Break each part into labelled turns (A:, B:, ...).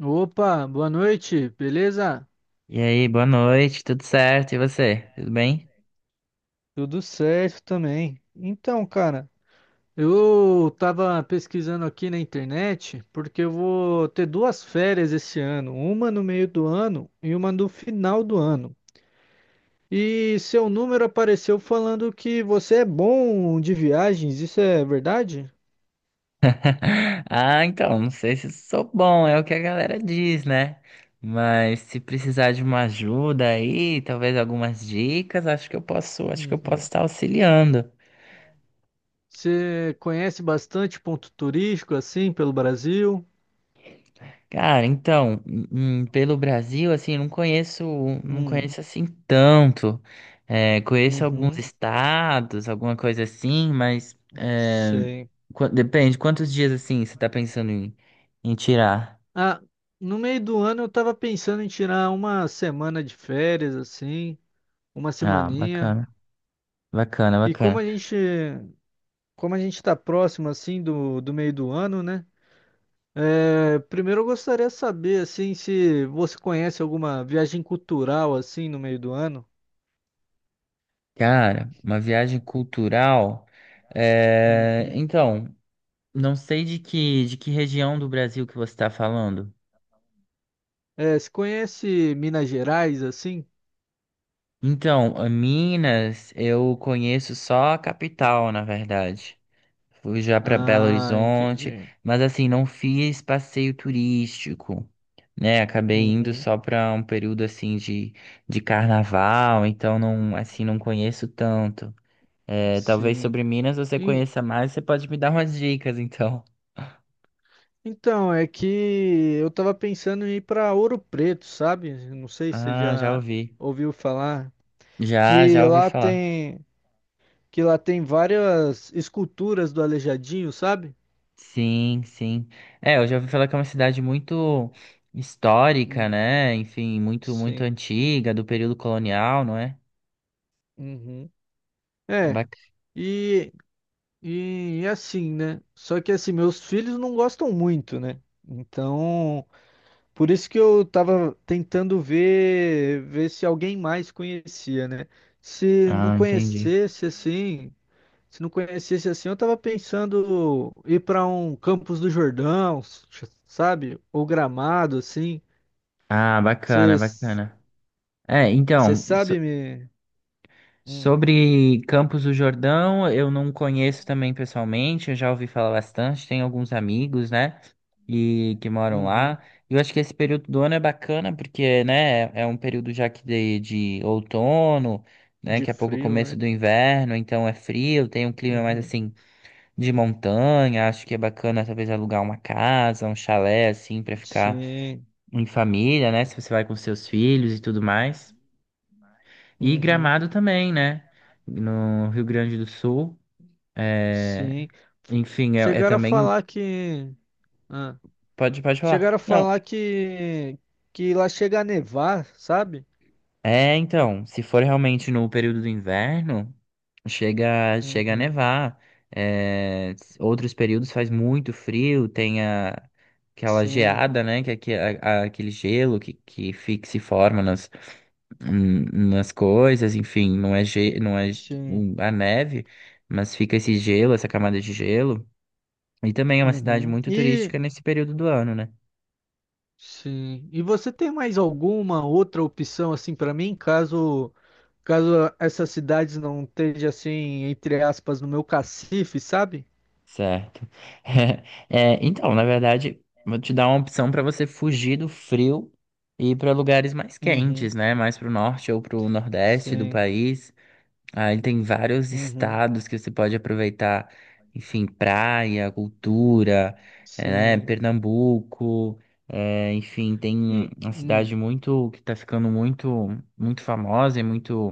A: Opa, boa noite, beleza?
B: E aí, boa noite, tudo certo? E você? Tudo bem?
A: Tudo certo também. Então, cara, eu tava pesquisando aqui na internet porque eu vou ter duas férias esse ano, uma no meio do ano e uma no final do ano. E seu número apareceu falando que você é bom de viagens, isso é verdade?
B: Ah, então, não sei se sou bom, é o que a galera diz, né? Mas se precisar de uma ajuda aí, talvez algumas dicas, acho que eu posso
A: Uhum.
B: estar auxiliando.
A: Você conhece bastante ponto turístico assim pelo Brasil?
B: Cara, então, pelo Brasil, assim, não conheço, não
A: Hum.
B: conheço assim tanto. É, conheço alguns
A: Uhum.
B: estados, alguma coisa assim, mas é,
A: Sei.
B: depende, quantos dias assim você tá pensando em tirar?
A: Ah, no meio do ano eu tava pensando em tirar uma semana de férias, assim, uma
B: Ah,
A: semaninha.
B: bacana, bacana,
A: E
B: bacana.
A: como a gente tá próximo, assim, do meio do ano, né? É, primeiro eu gostaria de saber, assim, se você conhece alguma viagem cultural, assim, no meio do ano.
B: Cara, uma viagem cultural. É,
A: Uhum.
B: então, não sei de que região do Brasil que você está falando.
A: É, se conhece Minas Gerais, assim?
B: Então, a Minas, eu conheço só a capital, na verdade. Fui já para Belo
A: Ah,
B: Horizonte,
A: entendi.
B: mas assim, não fiz passeio turístico, né? Acabei indo
A: Uhum.
B: só para um período de carnaval, então não, assim, não conheço tanto. É, talvez
A: Sim.
B: sobre Minas você
A: E-
B: conheça mais, você pode me dar umas dicas, então.
A: Então, é que eu tava pensando em ir pra Ouro Preto, sabe? Não sei se você
B: Ah, já
A: já
B: ouvi.
A: ouviu falar
B: Já,
A: que
B: já ouvi
A: lá
B: falar.
A: tem que lá tem várias esculturas do Aleijadinho, sabe?
B: Sim, sim. É, eu já ouvi falar que é uma cidade muito histórica,
A: Hum,
B: né? Enfim, muito, muito
A: sim.
B: antiga, do período colonial, não é?
A: Uhum. É.
B: Bac-
A: E, e assim, né? Só que assim, meus filhos não gostam muito, né? Então, por isso que eu tava tentando ver se alguém mais conhecia, né? Se não
B: Ah, entendi.
A: conhecesse assim, Se não conhecesse assim, eu tava pensando ir pra um Campos do Jordão, sabe? Ou Gramado, assim.
B: Ah, bacana,
A: Você
B: bacana. É, então,
A: sabe me. Hum,
B: sobre Campos do Jordão, eu não conheço também pessoalmente, eu já ouvi falar bastante, tenho alguns amigos, né, e que moram
A: uhum.
B: lá. E eu acho que esse período do ano é bacana porque, né, é um período já de outono, né,
A: De
B: daqui a pouco é o
A: frio,
B: começo
A: né?
B: do inverno, então é frio, tem um clima mais
A: Uhum.
B: assim de montanha, acho que é bacana talvez alugar uma casa, um chalé assim para ficar
A: Sim.
B: em família, né, se você vai com seus filhos e tudo mais. E
A: Uhum.
B: Gramado também, né? No Rio Grande do Sul. É,
A: Sim. F-
B: enfim, é, é
A: Chegaram a
B: também.
A: falar que. Ah,
B: Pode
A: chegaram a
B: falar. Não.
A: falar que. Que lá chega a nevar, sabe?
B: É, então, se for realmente no período do inverno, chega a
A: Uhum.
B: nevar. É, outros períodos faz muito frio, tem aquela
A: Sim.
B: geada, né? Que, aquele gelo que fica, se forma nas, hum, nas coisas, enfim, não é, não é
A: Sim.
B: a neve, mas fica esse gelo, essa camada de gelo. E também é uma cidade
A: Uhum.
B: muito turística
A: E.
B: nesse período do ano, né?
A: Sim. E você tem mais alguma outra opção assim para mim, caso caso essas cidades não estejam assim, entre aspas, no meu cacife, sabe?
B: Certo. É, então, na verdade, vou te dar uma opção para você fugir do frio e ir para lugares mais
A: Uhum.
B: quentes, né? Mais para o norte ou para o nordeste do
A: Sim.
B: país. Aí tem vários
A: Uhum.
B: estados que você pode aproveitar, enfim, praia, cultura, é, né?
A: Sim.
B: Pernambuco, é, enfim, tem
A: E
B: uma cidade muito que está ficando muito, muito famosa e muito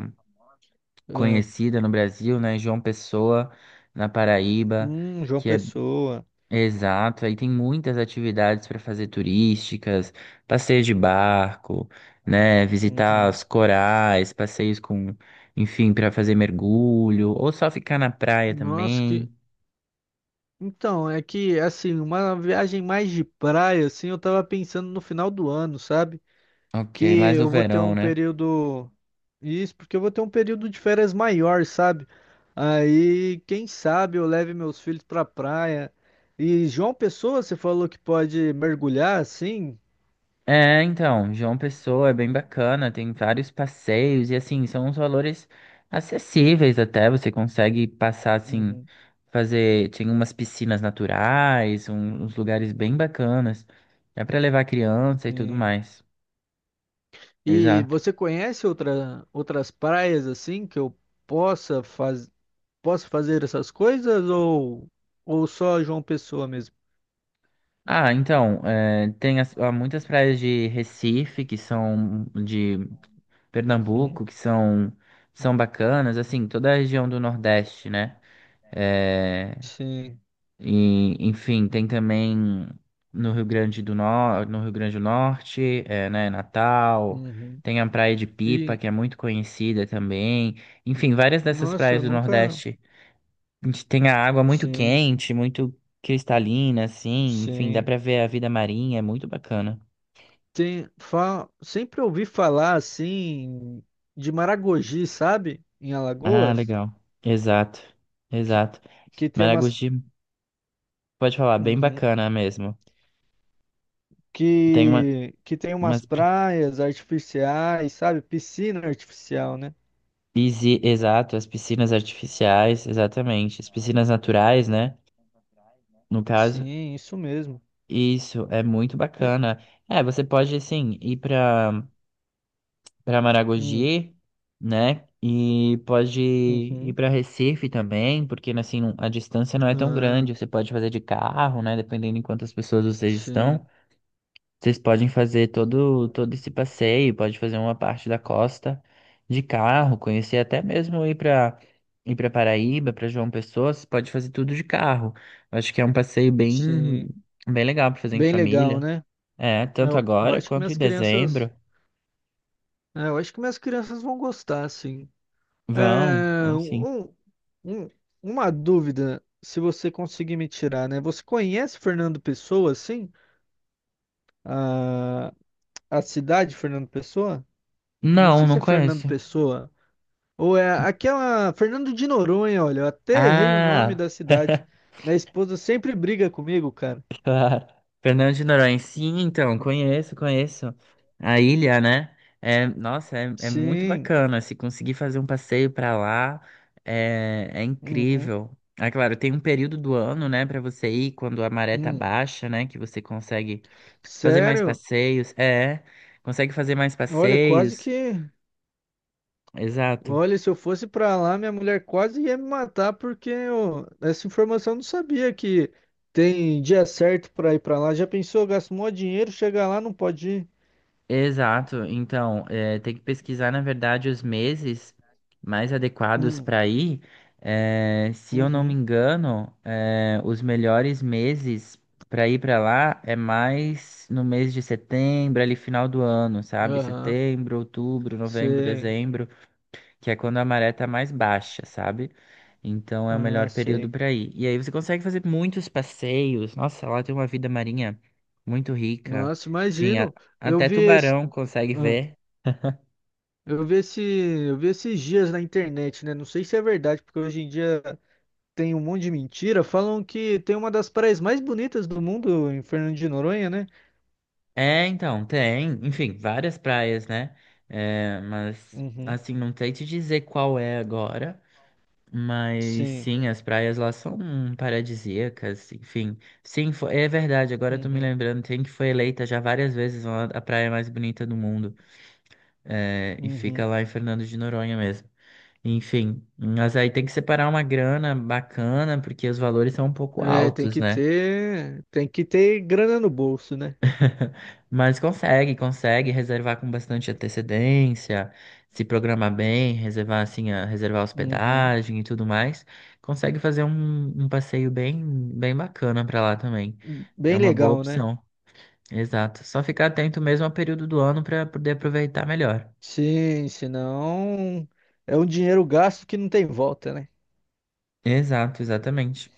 A: é,
B: conhecida no Brasil, né? João Pessoa, na Paraíba,
A: João
B: que é
A: Pessoa.
B: exato. Aí tem muitas atividades para fazer turísticas, passeios de barco, né? Visitar
A: Uhum.
B: os corais, passeios com, enfim, para fazer mergulho, ou só ficar na praia
A: Nossa,
B: também.
A: que então, é que assim, uma viagem mais de praia assim, eu tava pensando no final do ano, sabe?
B: Ok,
A: Que
B: mais no
A: eu vou ter
B: verão,
A: um
B: né?
A: período. Isso, porque eu vou ter um período de férias maior, sabe? Aí, quem sabe eu leve meus filhos pra praia. E João Pessoa, você falou que pode mergulhar assim?
B: É, então, João Pessoa é bem bacana, tem vários passeios e assim, são uns valores acessíveis até, você consegue passar assim,
A: Uhum.
B: fazer, tem umas piscinas naturais, uns lugares bem bacanas. É pra levar criança e tudo
A: Sim.
B: mais.
A: E
B: Exato.
A: você conhece outras praias assim que eu possa, faz, possa fazer essas coisas ou só João Pessoa mesmo?
B: Ah, então, é, tem há muitas praias de Recife, que são de
A: Uhum.
B: Pernambuco, são bacanas, assim, toda a região do Nordeste, né? É,
A: Sim.
B: e, enfim, tem também no Rio Grande do Norte, no Rio Grande do Norte, é, né, Natal,
A: Uhum.
B: tem a Praia de Pipa,
A: E,
B: que é muito conhecida também. Enfim, várias dessas
A: nossa,
B: praias
A: eu
B: do
A: nunca.
B: Nordeste, a gente tem a água muito
A: Sim,
B: quente, muito cristalina, assim, enfim, dá
A: sim.
B: pra ver a vida marinha, é muito bacana.
A: Tem, sempre ouvi falar assim de Maragogi, sabe? Em
B: Ah,
A: Alagoas,
B: legal. Exato,
A: que,
B: exato.
A: que tem umas
B: Maragogi, pode falar, bem
A: Uhum.
B: bacana mesmo. Tem uma,
A: Que tem umas
B: umas.
A: praias artificiais, sabe? Piscina artificial, né?
B: Pisci- Exato, as piscinas artificiais, exatamente. As piscinas naturais, né? No caso,
A: Sim, isso mesmo.
B: isso é muito
A: É,
B: bacana. É, você pode, assim, ir para para
A: hum,
B: Maragogi, né? E pode ir
A: uhum.
B: para Recife também, porque, assim, a distância não é tão
A: Ah,
B: grande. Você pode fazer de carro, né? Dependendo de quantas pessoas vocês estão.
A: sim,
B: Vocês podem fazer todo esse passeio, pode fazer uma parte da costa de carro, conhecer até mesmo ir para Paraíba, para João Pessoa, vocês podem fazer tudo de carro. Eu acho que é um passeio
A: sim.
B: bem legal para fazer em
A: Bem legal,
B: família.
A: né?
B: É, tanto
A: Eu
B: agora
A: acho que
B: quanto em
A: minhas crianças,
B: dezembro.
A: é, eu acho que minhas crianças vão gostar, sim.
B: Vão,
A: Ah,
B: vão sim.
A: um- uma dúvida, se você conseguir me tirar, né? Você conhece Fernando Pessoa, sim? A, a cidade Fernando Pessoa? Não
B: Não,
A: sei se
B: não
A: é Fernando
B: conheço.
A: Pessoa ou é aquela Fernando de Noronha, olha, eu até errei o nome
B: Ah,
A: da cidade. Minha esposa sempre briga comigo, cara.
B: claro. Fernando de Noronha. Sim, então, conheço, conheço. A ilha, né? É, nossa, é, é muito
A: Sim.
B: bacana. Se conseguir fazer um passeio pra lá, é, é
A: Uhum.
B: incrível. Ah, claro, tem um período do ano, né, pra você ir quando a maré tá
A: Hum.
B: baixa, né, que você consegue fazer mais
A: Sério?
B: passeios. É, consegue fazer mais
A: Olha, quase
B: passeios.
A: que.
B: Exato.
A: Olha, se eu fosse pra lá, minha mulher quase ia me matar porque eu, essa informação eu não sabia que tem dia certo pra ir pra lá. Já pensou, gasta mó dinheiro, chega lá, não pode ir.
B: Exato. Então, tem que pesquisar, na verdade, os meses mais adequados
A: Hum,
B: para ir. Se eu não me
A: Uhum.
B: engano, os melhores meses para ir para lá é mais no mês de setembro, ali final do ano, sabe?
A: Aham.
B: Setembro, outubro, novembro,
A: Sei.
B: dezembro que é quando a maré tá mais baixa, sabe? Então é o
A: Ah,
B: melhor período
A: sei.
B: para ir. E aí você consegue fazer muitos passeios. Nossa, lá tem uma vida marinha muito rica.
A: Nossa,
B: Enfim,
A: imagino. Eu
B: até
A: vi esse,
B: tubarão consegue
A: ah,
B: ver.
A: eu vi esses dias na internet, né? Não sei se é verdade, porque hoje em dia tem um monte de mentira. Falam que tem uma das praias mais bonitas do mundo em Fernando de Noronha, né?
B: É, então, tem, enfim, várias praias, né? É, mas
A: Uhum.
B: assim, não sei te dizer qual é agora. Mas
A: Sim.
B: sim, as praias lá são paradisíacas, enfim. Sim, é verdade, agora eu tô me
A: Uhum.
B: lembrando, tem que foi eleita já várias vezes a praia mais bonita do mundo. É, e
A: Uhum.
B: fica lá em Fernando de Noronha mesmo. Enfim, mas aí tem que separar uma grana bacana, porque os valores são um pouco
A: É,
B: altos, né?
A: tem que ter grana no bolso, né?
B: Mas consegue reservar com bastante antecedência, se programar bem, reservar assim, reservar
A: Uhum.
B: hospedagem e tudo mais. Consegue fazer um passeio bem bacana pra lá também. É
A: Bem
B: uma boa
A: legal, né?
B: opção. Exato. Só ficar atento mesmo ao período do ano pra poder aproveitar melhor.
A: Sim, senão é um dinheiro gasto que não tem volta, né?
B: Exato, exatamente.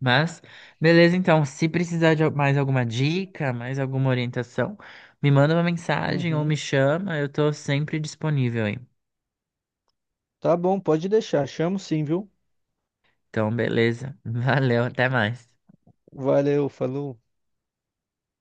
B: Mas, beleza, então, se precisar de mais alguma dica, mais alguma orientação, me manda uma mensagem ou
A: Uhum.
B: me chama, eu tô sempre disponível aí.
A: Tá bom, pode deixar. Chamo sim, viu?
B: Então, beleza. Valeu, até mais.
A: Valeu, falou.